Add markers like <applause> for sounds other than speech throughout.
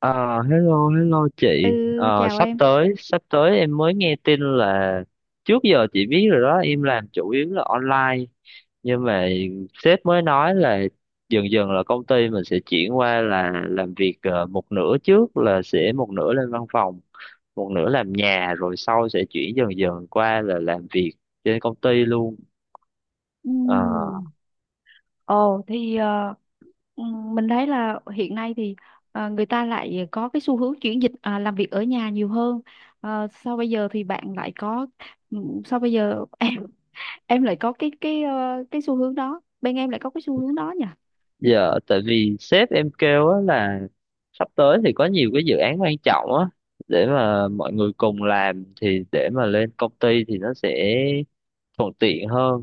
Ờ, hello, hello chị. Ừ, Ờ, chào sắp em. tới, sắp tới em mới nghe tin là trước giờ chị biết rồi đó, em làm chủ yếu là online. Nhưng mà sếp mới nói là dần dần là công ty mình sẽ chuyển qua là làm việc một nửa trước là sẽ một nửa lên văn phòng, một nửa làm nhà rồi sau sẽ chuyển dần dần qua là làm việc trên công ty luôn. Ờ, Ừm. Ồ, mình thấy là hiện nay thì người ta lại có cái xu hướng chuyển dịch, làm việc ở nhà nhiều hơn. Sau bây giờ thì bạn lại có, sau bây giờ <laughs> em lại có cái xu hướng đó. Bên em lại có cái xu hướng đó nhỉ? Dạ, tại vì sếp em kêu á là sắp tới thì có nhiều cái dự án quan trọng á để mà mọi người cùng làm thì để mà lên công ty thì nó sẽ thuận tiện hơn.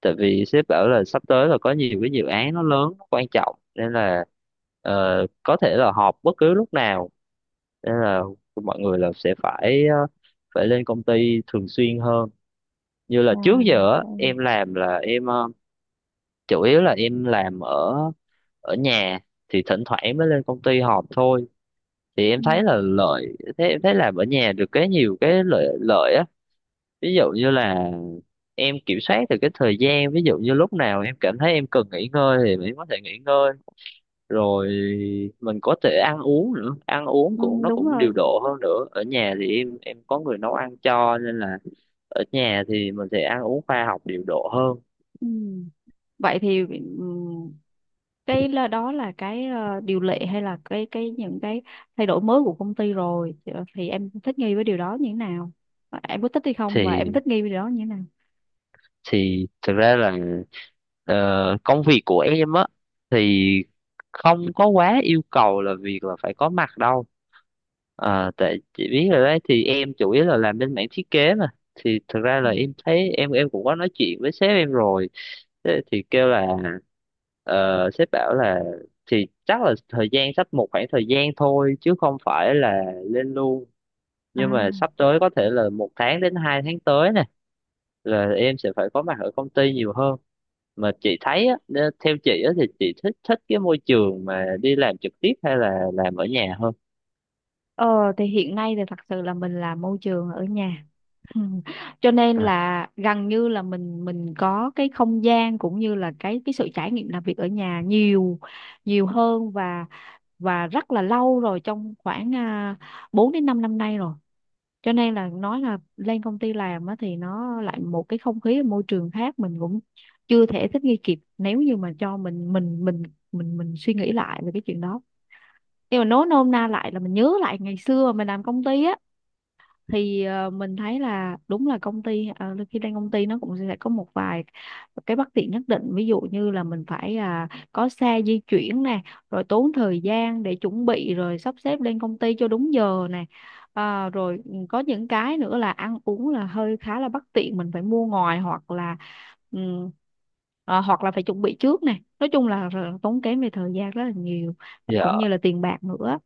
Tại vì sếp bảo là sắp tới là có nhiều cái dự án nó lớn, nó quan trọng nên là ờ, có thể là họp bất cứ lúc nào nên là mọi người là sẽ phải phải lên công ty thường xuyên hơn. Như là trước À, giờ á, vâng. em làm là em chủ yếu là em làm ở ở nhà thì thỉnh thoảng em mới lên công ty họp thôi thì em Ừ, thấy là lợi thế em thấy làm ở nhà được cái nhiều cái lợi lợi á, ví dụ như là em kiểm soát được cái thời gian, ví dụ như lúc nào em cảm thấy em cần nghỉ ngơi thì mình có thể nghỉ ngơi, rồi mình có thể ăn uống nữa, ăn uống ừ, cũng nó đúng cũng rồi. điều độ hơn, nữa ở nhà thì em có người nấu ăn cho nên là ở nhà thì mình sẽ ăn uống khoa học điều độ hơn. Ừ. Vậy thì, ừ, cái đó là cái điều lệ hay là cái những cái thay đổi mới của công ty rồi. Ờ, thì em thích nghi với điều đó như thế nào? Em có thích hay không và em thì thích nghi với điều đó như thế nào? thì thực ra là công việc của em á thì không có quá yêu cầu là việc là phải có mặt đâu. Ờ, tại chị biết rồi đấy thì em chủ yếu là làm bên mảng thiết kế mà thì thực ra Ừ. là em thấy em cũng có nói chuyện với sếp em rồi. Thế thì kêu là sếp bảo là thì chắc là thời gian sắp một khoảng thời gian thôi chứ không phải là lên luôn, nhưng mà À, sắp tới có thể là một tháng đến hai tháng tới nè là em sẽ phải có mặt ở công ty nhiều hơn. Mà chị thấy á, theo chị á, thì chị thích thích cái môi trường mà đi làm trực tiếp hay là làm ở nhà hơn? ờ thì hiện nay thì thật sự là mình làm môi trường ở nhà. Ừ. <laughs> Cho nên À, là gần như là mình có cái không gian cũng như là cái sự trải nghiệm làm việc ở nhà nhiều, nhiều hơn, và rất là lâu rồi, trong khoảng uh, 4 đến 5 năm nay rồi. Cho nên là nói là lên công ty làm á, thì nó lại một cái không khí môi trường khác, mình cũng chưa thể thích nghi kịp nếu như mà cho mình suy nghĩ lại về cái chuyện đó. Nhưng mà nói nôm na lại là mình nhớ lại ngày xưa mình làm công ty á, thì mình thấy là đúng là công ty, khi lên công ty nó cũng sẽ có một vài cái bất tiện nhất định, ví dụ như là mình phải, có xe di chuyển nè, rồi tốn thời gian để chuẩn bị rồi sắp xếp lên công ty cho đúng giờ nè. Rồi có những cái nữa là ăn uống là hơi khá là bất tiện, mình phải mua ngoài hoặc là, ừm, hoặc là phải chuẩn bị trước nè. Nói chung là tốn kém về thời gian rất là nhiều dạ cũng như là tiền bạc nữa.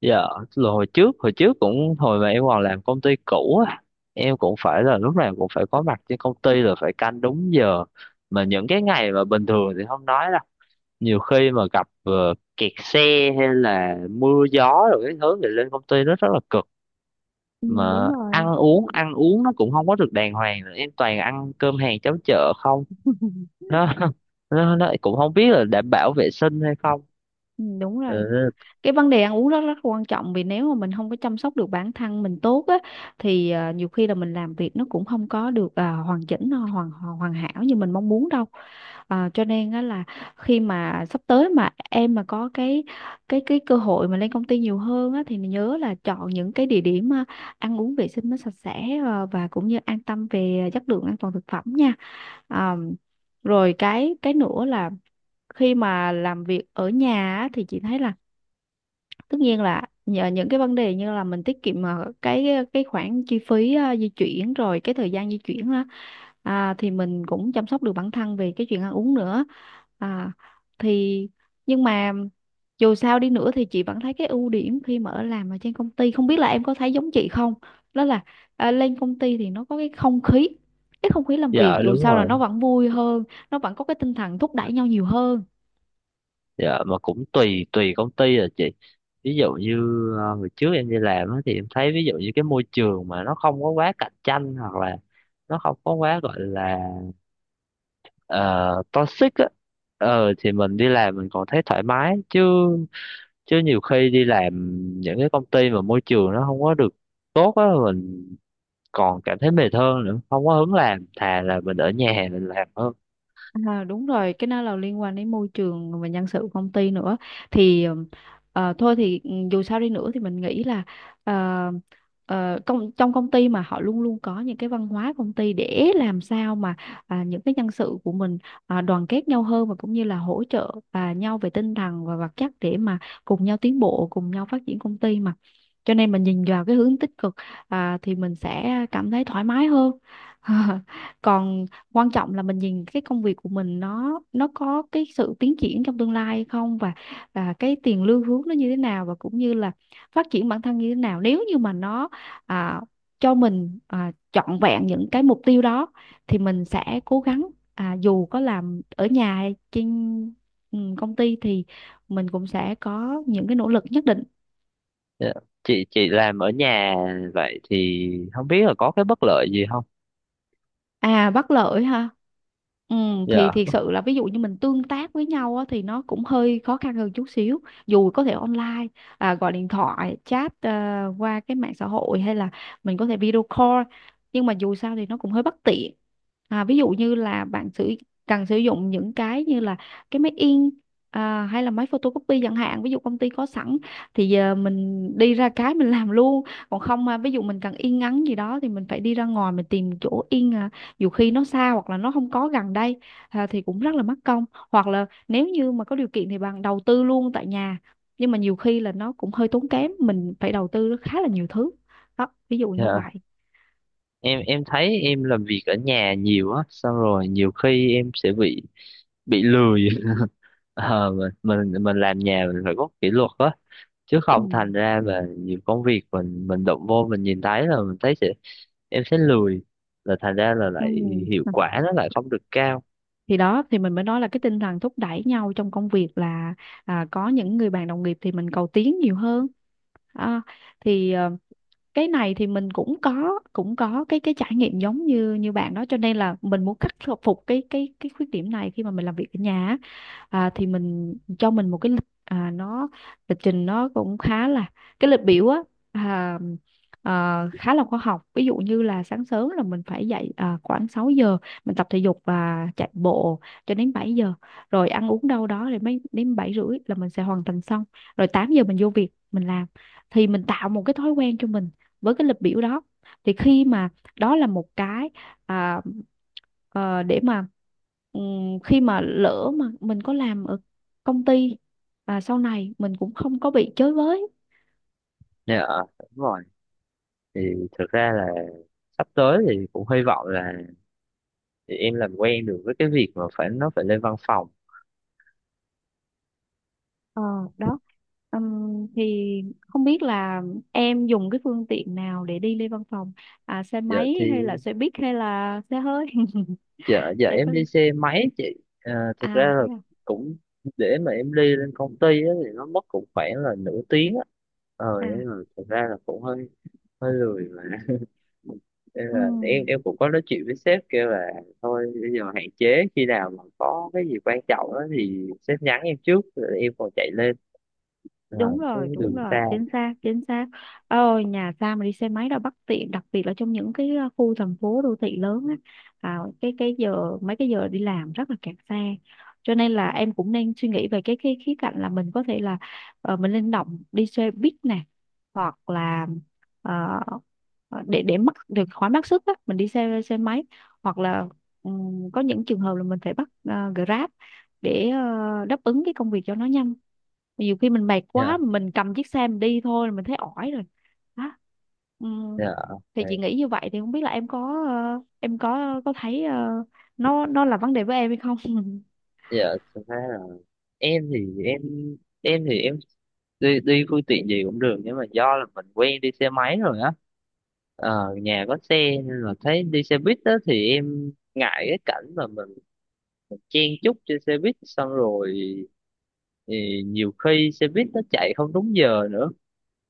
dạ, là hồi trước cũng hồi mà em còn làm công ty cũ á, em cũng phải là lúc nào cũng phải có mặt trên công ty là phải canh đúng giờ, mà những cái ngày mà bình thường thì không nói đâu, nhiều khi mà gặp kẹt xe hay là mưa gió rồi cái thứ thì lên công ty nó rất là cực, Ừ, đúng mà rồi. Ăn uống nó cũng không có được đàng hoàng nữa, em toàn ăn cơm hàng cháo chợ không, <laughs> nó <laughs> nó cũng không biết là đảm bảo vệ sinh hay không. Ừ, đúng rồi, Ừ, cái vấn đề ăn uống rất rất quan trọng, vì nếu mà mình không có chăm sóc được bản thân mình tốt á, thì nhiều khi là mình làm việc nó cũng không có được hoàn chỉnh, nó hoàn hoàn hoàn hảo như mình mong muốn đâu. Cho nên á là khi mà sắp tới mà em mà có cái cơ hội mà lên công ty nhiều hơn á, thì nhớ là chọn những cái địa điểm, ăn uống vệ sinh nó sạch sẽ, và cũng như an tâm về chất lượng an toàn thực phẩm nha. à, Rồi cái nữa là khi mà làm việc ở nhà á, thì chị thấy là tất nhiên là nhờ những cái vấn đề như là mình tiết kiệm cái khoản chi phí, di chuyển rồi cái thời gian di chuyển đó. Thì mình cũng chăm sóc được bản thân về cái chuyện ăn uống nữa. À, thì Nhưng mà dù sao đi nữa thì chị vẫn thấy cái ưu điểm khi mà ở làm ở trên công ty, không biết là em có thấy giống chị không. Đó là, lên công ty thì nó có cái không khí, làm việc dạ dù đúng sao là rồi. nó vẫn vui hơn, nó vẫn có cái tinh thần thúc đẩy nhau nhiều hơn. Dạ mà cũng tùy tùy công ty rồi chị, ví dụ như hồi trước em đi làm á, thì em thấy ví dụ như cái môi trường mà nó không có quá cạnh tranh hoặc là nó không có quá gọi là ờ, toxic á, ờ thì mình đi làm mình còn thấy thoải mái chứ, chứ nhiều khi đi làm những cái công ty mà môi trường nó không có được tốt á, mình còn cảm thấy mệt hơn nữa, không có hứng làm, thà là mình ở nhà mình làm hơn. À, đúng rồi, cái đó là liên quan đến môi trường và nhân sự của công ty nữa. Thì thôi thì dù sao đi nữa thì mình nghĩ là ờ, trong công ty mà họ luôn luôn có những cái văn hóa công ty để làm sao mà, những cái nhân sự của mình, đoàn kết nhau hơn và cũng như là hỗ trợ và nhau về tinh thần và vật chất để mà cùng nhau tiến bộ, cùng nhau phát triển công ty mà. Cho nên mình nhìn vào cái hướng tích cực, thì mình sẽ cảm thấy thoải mái hơn. <laughs> Còn quan trọng là mình nhìn cái công việc của mình, nó có cái sự tiến triển trong tương lai hay không, và và cái tiền lương hướng nó như thế nào và cũng như là phát triển bản thân như thế nào. Nếu như mà nó, à, cho mình, trọn vẹn những cái mục tiêu đó thì mình sẽ cố gắng, dù có làm ở nhà hay trên, công ty thì mình cũng sẽ có những cái nỗ lực nhất định. Dạ. Chị làm ở nhà vậy thì không biết là có cái bất lợi gì không? À, bất lợi ha. Ừ, thì Dạ thiệt sự là ví dụ như mình tương tác với nhau á, thì nó cũng hơi khó khăn hơn chút xíu, dù có thể online, gọi điện thoại, chat, qua cái mạng xã hội hay là mình có thể video call. Nhưng mà dù sao thì nó cũng hơi bất tiện. Ví dụ như là bạn sử cần sử dụng những cái như là cái máy in, hay là máy photocopy chẳng hạn. Ví dụ công ty có sẵn thì giờ mình đi ra cái mình làm luôn, còn không, ví dụ mình cần yên ngắn gì đó thì mình phải đi ra ngoài mình tìm chỗ yên, dù khi nó xa hoặc là nó không có gần đây, thì cũng rất là mất công. Hoặc là nếu như mà có điều kiện thì bạn đầu tư luôn tại nhà, nhưng mà nhiều khi là nó cũng hơi tốn kém, mình phải đầu tư khá là nhiều thứ, đó, ví dụ như dạ, vậy. em thấy em làm việc ở nhà nhiều á xong rồi nhiều khi em sẽ bị lười <laughs> Ờ, mình làm nhà mình phải có kỷ luật á, chứ Ừ. không thành ra là nhiều công việc mình động vô mình nhìn thấy là mình thấy sẽ em sẽ lười, là thành ra là Ừ. lại hiệu quả nó lại không được cao. Thì đó thì mình mới nói là cái tinh thần thúc đẩy nhau trong công việc là, có những người bạn đồng nghiệp thì mình cầu tiến nhiều hơn. À, thì cái này thì mình cũng có cái trải nghiệm giống như như bạn đó, cho nên là mình muốn khắc phục cái khuyết điểm này khi mà mình làm việc ở nhà á. Thì mình cho mình một cái lịch, nó lịch trình nó cũng khá là, cái lịch biểu á, à, khá là khoa học. Ví dụ như là sáng sớm là mình phải dậy, khoảng 6 giờ mình tập thể dục và chạy bộ cho đến 7 giờ, rồi ăn uống đâu đó thì mấy đến 7:30 là mình sẽ hoàn thành xong, rồi 8 giờ mình vô việc mình làm. Thì mình tạo một cái thói quen cho mình với cái lịch biểu đó. Thì khi mà, đó là một cái, à, để mà khi mà lỡ mà mình có làm ở công ty và sau này mình cũng không có bị chới với. Dạ đúng rồi. Thì thực ra là sắp tới thì cũng hy vọng là thì em làm quen được với cái việc mà phải nó phải lên văn phòng. Ờ, đó. Thì không biết là em dùng cái phương tiện nào để đi lên văn phòng, xe giờ máy thì hay là xe buýt hay là xe hơi? <laughs> giờ giờ Em có em đi đi. xe máy chị. À, thực À ra thế là à. cũng để mà em đi lên công ty á, thì nó mất cũng khoảng là nửa tiếng á, ờ nên À, là thực ra là cũng hơi hơi lười mà <laughs> Thế ừ, là em cũng có nói chuyện với sếp kêu là thôi bây giờ hạn chế khi nào mà có cái gì quan trọng đó thì sếp nhắn em trước rồi em còn chạy lên, à, đúng chứ rồi, đúng đừng rồi, xa. chính xác, chính xác. Ôi, nhà xa mà đi xe máy đâu bất tiện, đặc biệt là trong những cái khu thành phố đô thị lớn á. Cái giờ mấy cái giờ đi làm rất là kẹt xe, cho nên là em cũng nên suy nghĩ về cái khía cạnh là mình có thể là, mình linh động đi xe buýt nè, hoặc là ờ, để mất được khỏi mất sức á mình đi xe xe máy, hoặc là có những trường hợp là mình phải bắt Grab để đáp ứng cái công việc cho nó nhanh. Nhiều khi mình mệt Dạ quá mà mình cầm chiếc xe mình đi thôi là mình thấy ỏi rồi, đó. Ừ. dạ ok. Thì chị nghĩ như vậy, thì không biết là em có, em có thấy nó là vấn đề với em hay không. <laughs> Dạ thực ra là em thì em em thì em đi đi phương tiện gì cũng được, nhưng mà do là mình quen đi xe máy rồi á, ờ, nhà có xe nên là thấy đi xe buýt đó thì em ngại cái cảnh mà mình chen chúc trên xe buýt, xong rồi thì nhiều khi xe buýt nó chạy không đúng giờ nữa.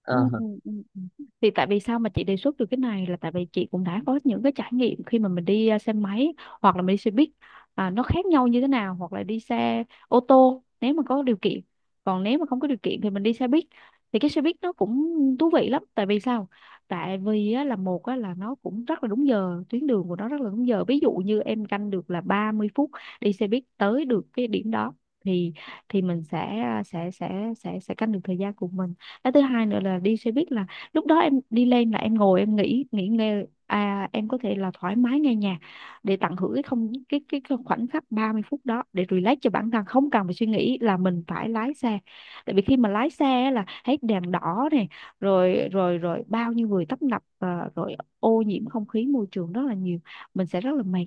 À, Ừ, ừ, ừ. Thì tại vì sao mà chị đề xuất được cái này là tại vì chị cũng đã có những cái trải nghiệm khi mà mình đi, xe máy hoặc là mình đi xe buýt, nó khác nhau như thế nào, hoặc là đi xe ô tô nếu mà có điều kiện, còn nếu mà không có điều kiện thì mình đi xe buýt. Thì cái xe buýt nó cũng thú vị lắm, tại vì sao? Tại vì á, là một á, là nó cũng rất là đúng giờ, tuyến đường của nó rất là đúng giờ. Ví dụ như em canh được là 30 phút đi xe buýt tới được cái điểm đó, thì thì mình sẽ, sẽ canh được thời gian của mình. Cái thứ hai nữa là đi xe buýt là lúc đó em đi lên là em ngồi em nghỉ, nghỉ ngơi, em có thể là thoải mái nghe nhạc để tận hưởng cái không cái cái khoảnh khắc 30 phút đó để relax cho bản thân, không cần phải suy nghĩ là mình phải lái xe. Tại vì khi mà lái xe á là hết đèn đỏ này, rồi rồi rồi bao nhiêu người tấp nập và rồi ô nhiễm không khí môi trường rất là nhiều, mình sẽ rất là mệt,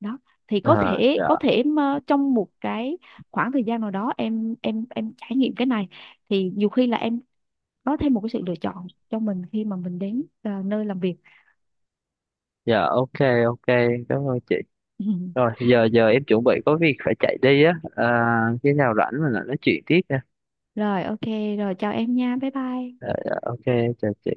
đó. Thì có à, thể, dạ mà trong một cái khoảng thời gian nào đó em trải nghiệm cái này, thì nhiều khi là em có thêm một cái sự lựa chọn cho mình khi mà mình đến, nơi làm việc. dạ ok ok, cảm ơn chị. Rồi <laughs> giờ giờ em chuẩn bị có việc phải chạy đi á, à, khi nào rảnh mình lại nói chuyện tiếp nha. Rồi, ok. Rồi chào em nha, bye Dạ, bye. dạ, ok, chào chị.